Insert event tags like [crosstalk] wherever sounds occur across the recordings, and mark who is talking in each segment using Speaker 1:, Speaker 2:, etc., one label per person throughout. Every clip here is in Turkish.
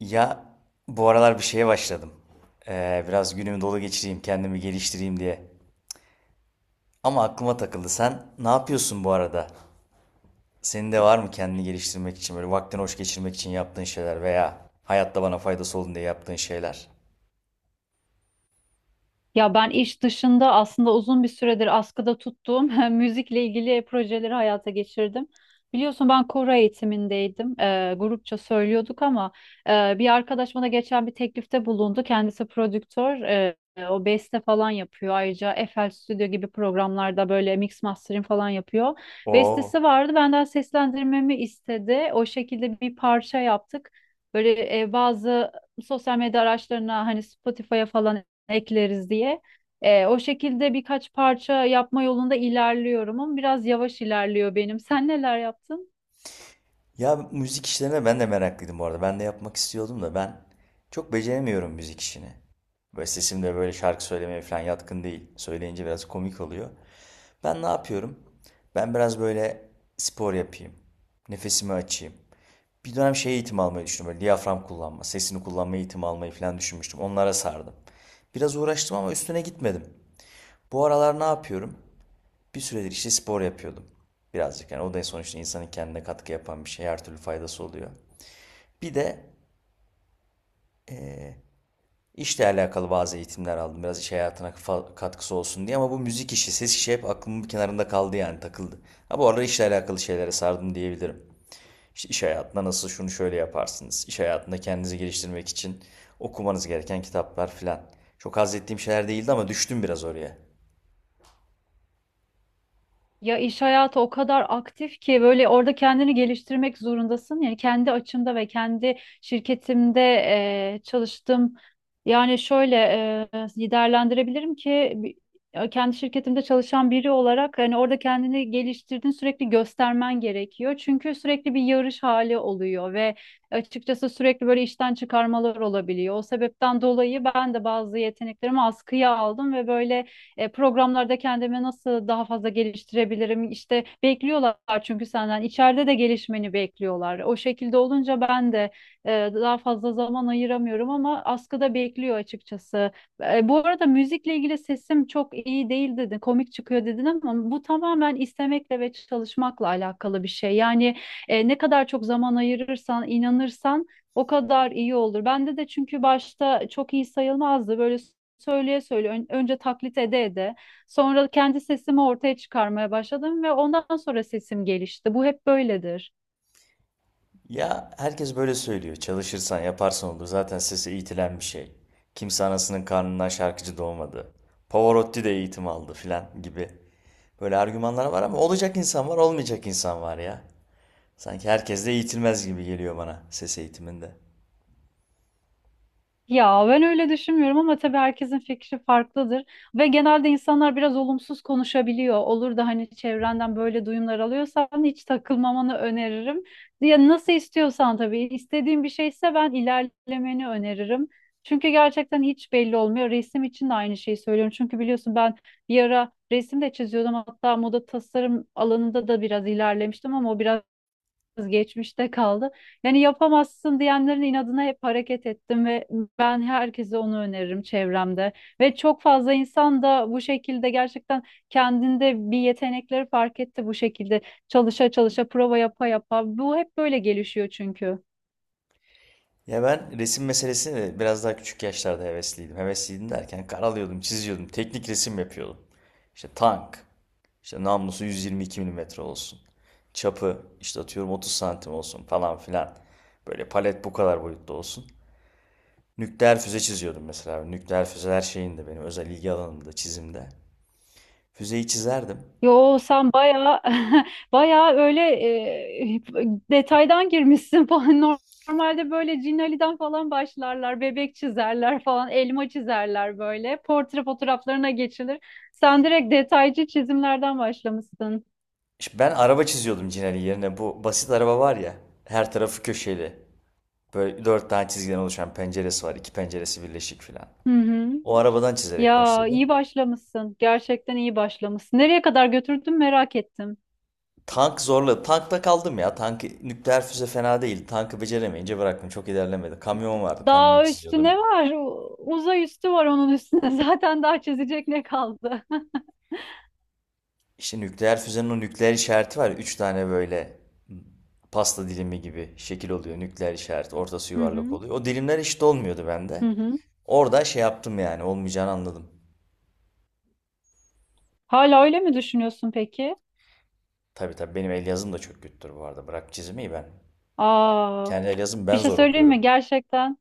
Speaker 1: Ya bu aralar bir şeye başladım. Biraz günümü dolu geçireyim, kendimi geliştireyim diye. Ama aklıma takıldı. Sen ne yapıyorsun bu arada? Senin de var mı kendini geliştirmek için böyle vaktini hoş geçirmek için yaptığın şeyler veya hayatta bana faydası olsun diye yaptığın şeyler?
Speaker 2: Ya ben iş dışında aslında uzun bir süredir askıda tuttuğum [laughs] müzikle ilgili projeleri hayata geçirdim. Biliyorsun ben koro eğitimindeydim. Grupça söylüyorduk ama bir arkadaş bana geçen bir teklifte bulundu. Kendisi prodüktör. O beste falan yapıyor. Ayrıca FL Studio gibi programlarda böyle mix mastering falan yapıyor.
Speaker 1: Oo.
Speaker 2: Bestesi vardı. Benden seslendirmemi istedi. O şekilde bir parça yaptık. Böyle bazı sosyal medya araçlarına hani Spotify'a falan ekleriz diye. O şekilde birkaç parça yapma yolunda ilerliyorum ama biraz yavaş ilerliyor benim. Sen neler yaptın?
Speaker 1: Ya müzik işlerine ben de meraklıydım bu arada. Ben de yapmak istiyordum da ben çok beceremiyorum müzik işini. Böyle sesim de böyle şarkı söylemeye falan yatkın değil. Söyleyince biraz komik oluyor. Ben ne yapıyorum? Ben biraz böyle spor yapayım. Nefesimi açayım. Bir dönem şey eğitimi almayı düşündüm. Böyle diyafram kullanma, sesini kullanma eğitimi almayı falan düşünmüştüm. Onlara sardım. Biraz uğraştım ama üstüne gitmedim. Bu aralar ne yapıyorum? Bir süredir işte spor yapıyordum. Birazcık yani o da sonuçta insanın kendine katkı yapan bir şey. Her türlü faydası oluyor. Bir de işle alakalı bazı eğitimler aldım. Biraz iş hayatına katkısı olsun diye ama bu müzik işi, ses işi hep aklımın bir kenarında kaldı yani takıldı. Ha, bu arada işle alakalı şeylere sardım diyebilirim. İşte iş hayatında nasıl şunu şöyle yaparsınız. İş hayatında kendinizi geliştirmek için okumanız gereken kitaplar filan. Çok haz ettiğim şeyler değildi ama düştüm biraz oraya.
Speaker 2: Ya iş hayatı o kadar aktif ki böyle orada kendini geliştirmek zorundasın. Yani kendi açımda ve kendi şirketimde çalıştım. Yani şöyle liderlendirebilirim ki kendi şirketimde çalışan biri olarak hani orada kendini geliştirdiğini sürekli göstermen gerekiyor. Çünkü sürekli bir yarış hali oluyor ve açıkçası sürekli böyle işten çıkarmalar olabiliyor. O sebepten dolayı ben de bazı yeteneklerimi askıya aldım ve böyle programlarda kendimi nasıl daha fazla geliştirebilirim? İşte bekliyorlar çünkü senden içeride de gelişmeni bekliyorlar. O şekilde olunca ben de daha fazla zaman ayıramıyorum ama askıda bekliyor açıkçası. Bu arada müzikle ilgili sesim çok iyi değil dedin, komik çıkıyor dedin ama bu tamamen istemekle ve çalışmakla alakalı bir şey. Yani ne kadar çok zaman ayırırsan, inanırsan o kadar iyi olur. Bende de çünkü başta çok iyi sayılmazdı. Böyle söyleye söyleye önce taklit ede ede sonra kendi sesimi ortaya çıkarmaya başladım ve ondan sonra sesim gelişti. Bu hep böyledir.
Speaker 1: Ya, herkes böyle söylüyor. Çalışırsan yaparsan olur. Zaten sese eğitilen bir şey. Kimse anasının karnından şarkıcı doğmadı. Pavarotti de eğitim aldı filan gibi. Böyle argümanlar var ama olacak insan var, olmayacak insan var ya. Sanki herkes de eğitilmez gibi geliyor bana ses eğitiminde.
Speaker 2: Ya ben öyle düşünmüyorum ama tabii herkesin fikri farklıdır ve genelde insanlar biraz olumsuz konuşabiliyor. Olur da hani çevrenden böyle duyumlar alıyorsan hiç takılmamanı öneririm. Ya nasıl istiyorsan tabii istediğin bir şeyse ben ilerlemeni öneririm. Çünkü gerçekten hiç belli olmuyor. Resim için de aynı şeyi söylüyorum. Çünkü biliyorsun ben bir ara resim de çiziyordum. Hatta moda tasarım alanında da biraz ilerlemiştim ama o biraz geçmişte kaldı. Yani yapamazsın diyenlerin inadına hep hareket ettim ve ben herkese onu öneririm çevremde. Ve çok fazla insan da bu şekilde gerçekten kendinde bir yetenekleri fark etti bu şekilde. Çalışa çalışa, prova yapa yapa. Bu hep böyle gelişiyor çünkü.
Speaker 1: Ya ben resim meselesine de biraz daha küçük yaşlarda hevesliydim. Hevesliydim derken karalıyordum, çiziyordum, teknik resim yapıyordum. İşte tank, işte namlusu 122 milimetre olsun. Çapı işte atıyorum 30 santim olsun falan filan. Böyle palet bu kadar boyutta olsun. Nükleer füze çiziyordum mesela. Nükleer füzeler şeyinde benim özel ilgi alanımda çizimde. Füzeyi çizerdim.
Speaker 2: Yo sen bayağı [laughs] bayağı öyle e, detaydan girmişsin falan. [laughs] Normalde böyle Cin Ali'den falan başlarlar. Bebek çizerler falan, elma çizerler böyle. Portre fotoğraflarına geçilir. Sen direkt detaycı çizimlerden başlamışsın.
Speaker 1: İşte ben araba çiziyordum Cinali yerine. Bu basit araba var ya, her tarafı köşeli. Böyle dört tane çizgiden oluşan penceresi var. İki penceresi birleşik filan.
Speaker 2: Hı hı.
Speaker 1: O arabadan çizerek
Speaker 2: Ya
Speaker 1: başladım.
Speaker 2: iyi başlamışsın. Gerçekten iyi başlamışsın. Nereye kadar götürdün merak ettim.
Speaker 1: Tank zorladı. Tankta kaldım ya. Tank nükleer füze fena değil. Tankı beceremeyince bıraktım. Çok ilerlemedi. Kamyon vardı. Kamyon
Speaker 2: Daha üstü
Speaker 1: çiziyordum.
Speaker 2: ne var? Uzay üstü var onun üstüne. [laughs] Zaten daha çizecek ne kaldı? [laughs]
Speaker 1: İşte nükleer füzenin o nükleer işareti var ya. Üç tane böyle pasta dilimi gibi şekil oluyor. Nükleer işaret. Ortası
Speaker 2: Hı
Speaker 1: yuvarlak
Speaker 2: hı.
Speaker 1: oluyor. O dilimler eşit olmuyordu
Speaker 2: Hı
Speaker 1: bende.
Speaker 2: hı.
Speaker 1: Orada şey yaptım yani. Olmayacağını anladım.
Speaker 2: Hala öyle mi düşünüyorsun peki?
Speaker 1: Tabii, tabii benim el yazım da çok kötüdür bu arada. Bırak çizmeyi ben.
Speaker 2: Aa,
Speaker 1: Kendi el yazım
Speaker 2: bir
Speaker 1: ben
Speaker 2: şey
Speaker 1: zor
Speaker 2: söyleyeyim
Speaker 1: okuyorum.
Speaker 2: mi? Gerçekten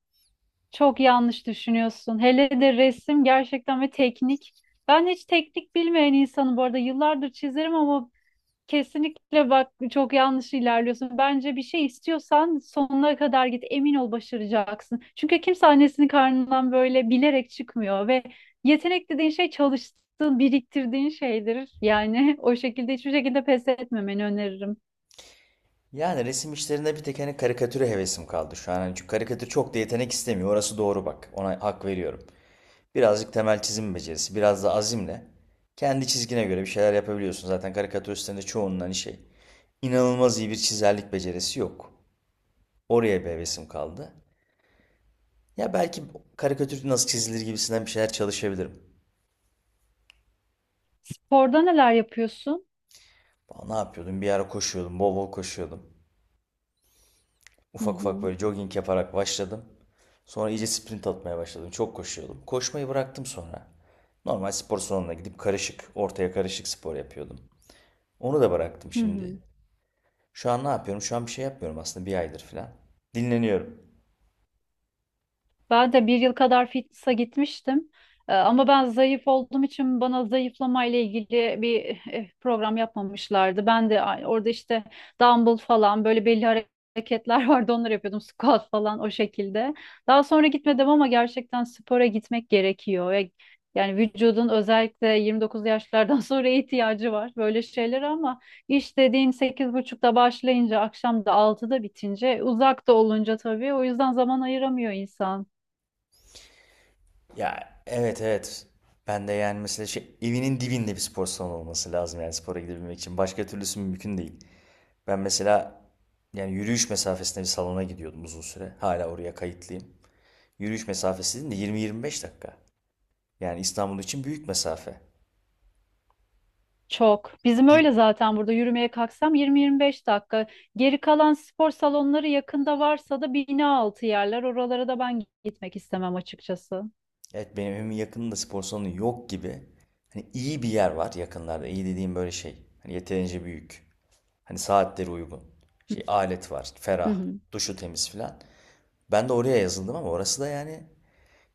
Speaker 2: çok yanlış düşünüyorsun. Hele de resim gerçekten ve teknik. Ben hiç teknik bilmeyen insanım bu arada. Yıllardır çizerim ama kesinlikle bak çok yanlış ilerliyorsun. Bence bir şey istiyorsan sonuna kadar git. Emin ol başaracaksın. Çünkü kimse annesinin karnından böyle bilerek çıkmıyor ve yetenek dediğin şey çalıştığın, biriktirdiğin şeydir. Yani [laughs] o şekilde hiçbir şekilde pes etmemeni öneririm.
Speaker 1: Yani resim işlerinde bir tek hani karikatüre hevesim kaldı şu an. Hani çünkü karikatür çok da yetenek istemiyor. Orası doğru bak. Ona hak veriyorum. Birazcık temel çizim becerisi, biraz da azimle kendi çizgine göre bir şeyler yapabiliyorsun. Zaten karikatüristlerin de çoğunun hani şey inanılmaz iyi bir çizerlik becerisi yok. Oraya bir hevesim kaldı. Ya belki karikatür nasıl çizilir gibisinden bir şeyler çalışabilirim.
Speaker 2: Sporda neler yapıyorsun?
Speaker 1: Aa, ne yapıyordum? Bir ara koşuyordum, bol bol koşuyordum.
Speaker 2: Hı
Speaker 1: Ufak ufak
Speaker 2: hı.
Speaker 1: böyle jogging yaparak başladım. Sonra iyice sprint atmaya başladım. Çok koşuyordum. Koşmayı bıraktım sonra. Normal spor salonuna gidip karışık, ortaya karışık spor yapıyordum. Onu da bıraktım
Speaker 2: Hı hı.
Speaker 1: şimdi. Şu an ne yapıyorum? Şu an bir şey yapmıyorum aslında bir aydır falan. Dinleniyorum.
Speaker 2: Ben de 1 yıl kadar fitness'a gitmiştim. Ama ben zayıf olduğum için bana zayıflama ile ilgili bir program yapmamışlardı. Ben de orada işte dumbbell falan böyle belli hareketler [laughs] vardı onları yapıyordum. Squat falan o şekilde. Daha sonra gitmedim ama gerçekten spora gitmek gerekiyor. Yani vücudun özellikle 29 yaşlardan [laughs] sonra ihtiyacı var böyle şeyler ama iş dediğin 8.30'da başlayınca akşam da 6'da bitince uzakta olunca tabii o yüzden zaman ayıramıyor insan.
Speaker 1: Ya, evet, evet. Ben de yani mesela şey, evinin dibinde bir spor salonu olması lazım yani spora gidebilmek için. Başka türlüsü mümkün değil. Ben mesela yani yürüyüş mesafesinde bir salona gidiyordum uzun süre. Hala oraya kayıtlıyım. Yürüyüş mesafesi de 20-25 dakika. Yani İstanbul için büyük mesafe.
Speaker 2: Çok. Bizim
Speaker 1: Git.
Speaker 2: öyle zaten burada yürümeye kalksam 20-25 dakika. Geri kalan spor salonları yakında varsa da bina altı yerler. Oralara da ben gitmek istemem açıkçası.
Speaker 1: Evet benim evimin yakınında spor salonu yok gibi. Hani iyi bir yer var yakınlarda. İyi dediğim böyle şey. Hani yeterince büyük. Hani saatleri uygun.
Speaker 2: Hı
Speaker 1: Şey alet var.
Speaker 2: hı.
Speaker 1: Ferah.
Speaker 2: Hı.
Speaker 1: Duşu temiz filan. Ben de oraya yazıldım ama orası da yani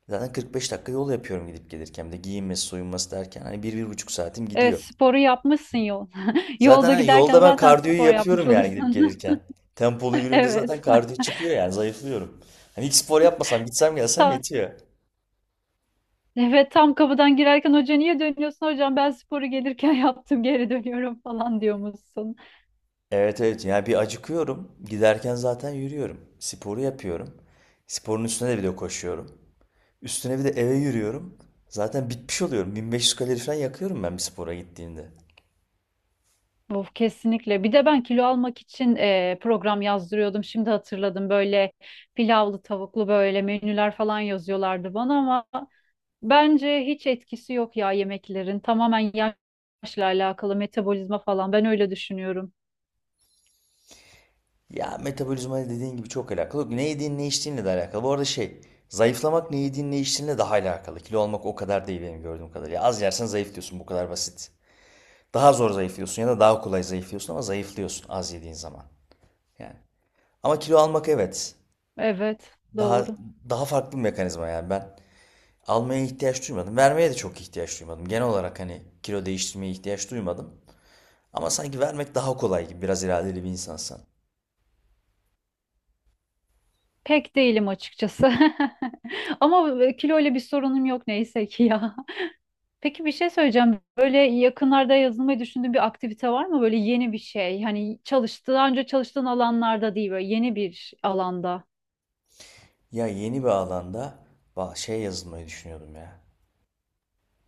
Speaker 1: zaten 45 dakika yol yapıyorum gidip gelirken. Bir de giyinmesi soyunması derken hani bir buçuk saatim
Speaker 2: Evet,
Speaker 1: gidiyor.
Speaker 2: sporu yapmışsın yol. [laughs]
Speaker 1: Zaten
Speaker 2: Yolda
Speaker 1: hani
Speaker 2: giderken
Speaker 1: yolda ben
Speaker 2: zaten
Speaker 1: kardiyoyu
Speaker 2: spor yapmış
Speaker 1: yapıyorum yani gidip
Speaker 2: oluyorsun.
Speaker 1: gelirken. Tempolu
Speaker 2: [laughs]
Speaker 1: yürüyünce zaten
Speaker 2: Evet.
Speaker 1: kardiyo
Speaker 2: [laughs]
Speaker 1: çıkıyor yani zayıflıyorum. Hani hiç spor yapmasam gitsem gelsem
Speaker 2: Tam,
Speaker 1: yetiyor.
Speaker 2: evet tam kapıdan girerken hoca niye dönüyorsun hocam ben sporu gelirken [laughs] yaptım geri dönüyorum falan diyormuşsun.
Speaker 1: Evet, evet yani bir acıkıyorum. Giderken zaten yürüyorum. Sporu yapıyorum. Sporun üstüne de bir de koşuyorum. Üstüne bir de eve yürüyorum. Zaten bitmiş oluyorum. 1.500 kalori falan yakıyorum ben bir spora gittiğimde.
Speaker 2: Of, kesinlikle. Bir de ben kilo almak için program yazdırıyordum. Şimdi hatırladım böyle pilavlı tavuklu böyle menüler falan yazıyorlardı bana ama bence hiç etkisi yok ya yemeklerin. Tamamen yaşla alakalı metabolizma falan. Ben öyle düşünüyorum.
Speaker 1: Ya metabolizma dediğin gibi çok alakalı. Ne yediğin ne içtiğinle de alakalı. Bu arada şey zayıflamak ne yediğin ne içtiğinle daha alakalı. Kilo almak o kadar değil benim gördüğüm kadarıyla. Az yersen zayıflıyorsun, bu kadar basit. Daha zor zayıflıyorsun ya da daha kolay zayıflıyorsun ama zayıflıyorsun az yediğin zaman. Yani. Ama kilo almak, evet.
Speaker 2: Evet,
Speaker 1: Daha
Speaker 2: doğru.
Speaker 1: daha farklı bir mekanizma yani ben almaya ihtiyaç duymadım. Vermeye de çok ihtiyaç duymadım. Genel olarak hani kilo değiştirmeye ihtiyaç duymadım. Ama sanki vermek daha kolay gibi biraz iradeli bir insansan.
Speaker 2: Pek değilim açıkçası. [laughs] Ama kilo ile bir sorunum yok neyse ki ya. Peki bir şey söyleyeceğim. Böyle yakınlarda yazılmayı düşündüğün bir aktivite var mı? Böyle yeni bir şey. Hani çalıştığı, daha önce çalıştığın alanlarda değil, böyle yeni bir alanda.
Speaker 1: Ya yeni bir alanda şey yazılmayı düşünüyordum ya.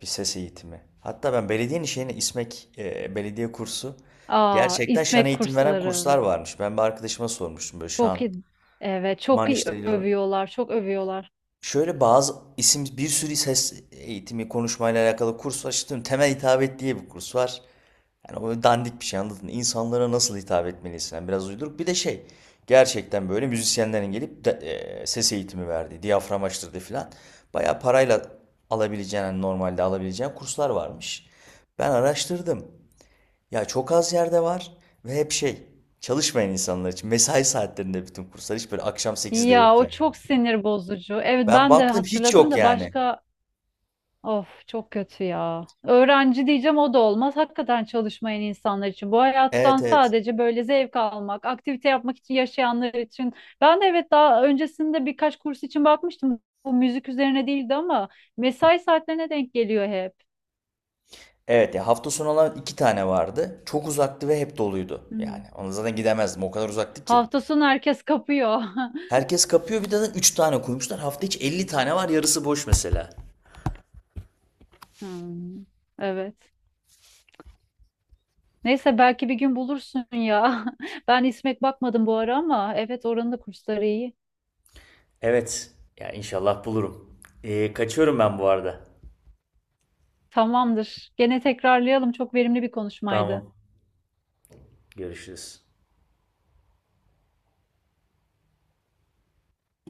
Speaker 1: Bir ses eğitimi. Hatta ben belediyenin şeyine İSMEK, belediye kursu,
Speaker 2: Aa,
Speaker 1: gerçekten şan
Speaker 2: İSMEK
Speaker 1: eğitim veren
Speaker 2: kursları.
Speaker 1: kurslar varmış. Ben bir arkadaşıma sormuştum böyle
Speaker 2: Çok
Speaker 1: şan,
Speaker 2: iyi. Evet, çok
Speaker 1: man
Speaker 2: iyi
Speaker 1: işte.
Speaker 2: övüyorlar, çok övüyorlar.
Speaker 1: Şöyle bazı isim bir sürü ses eğitimi konuşmayla alakalı kurs var. İşte temel hitabet diye bir kurs var. Yani o dandik bir şey, anladın mı? İnsanlara nasıl hitap etmelisin? Yani biraz uyduruk. Bir de şey gerçekten böyle müzisyenlerin gelip ses eğitimi verdiği, diyafram açtırdığı falan. Bayağı parayla alabileceğin, hani normalde alabileceğin kurslar varmış. Ben araştırdım. Ya çok az yerde var ve hep şey, çalışmayan insanlar için. Mesai saatlerinde bütün kurslar, hiç böyle akşam 8'de yok
Speaker 2: Ya o
Speaker 1: yani.
Speaker 2: çok sinir bozucu. Evet
Speaker 1: Ben
Speaker 2: ben de
Speaker 1: baktım hiç
Speaker 2: hatırladım
Speaker 1: yok
Speaker 2: da
Speaker 1: yani.
Speaker 2: başka. Of, çok kötü ya. Öğrenci diyeceğim o da olmaz. Hakikaten çalışmayan insanlar için. Bu
Speaker 1: Evet,
Speaker 2: hayattan
Speaker 1: evet.
Speaker 2: sadece böyle zevk almak, aktivite yapmak için yaşayanlar için. Ben de evet daha öncesinde birkaç kurs için bakmıştım. Bu müzik üzerine değildi ama mesai saatlerine denk geliyor hep.
Speaker 1: Evet ya hafta sonu olan iki tane vardı. Çok uzaktı ve hep doluydu. Yani
Speaker 2: Hmm.
Speaker 1: ona zaten gidemezdim. O kadar uzaktı ki.
Speaker 2: Hafta sonu herkes kapıyor. [laughs]
Speaker 1: Herkes kapıyor, bir de zaten üç tane koymuşlar. Hafta içi 50 tane var yarısı boş mesela.
Speaker 2: Hmm, evet. Neyse belki bir gün bulursun ya. [laughs] Ben İsmek bakmadım bu ara ama evet oranın da kursları iyi.
Speaker 1: Evet. Ya inşallah bulurum. Kaçıyorum ben bu arada.
Speaker 2: Tamamdır. Gene tekrarlayalım. Çok verimli bir konuşmaydı.
Speaker 1: Tamam. Görüşürüz.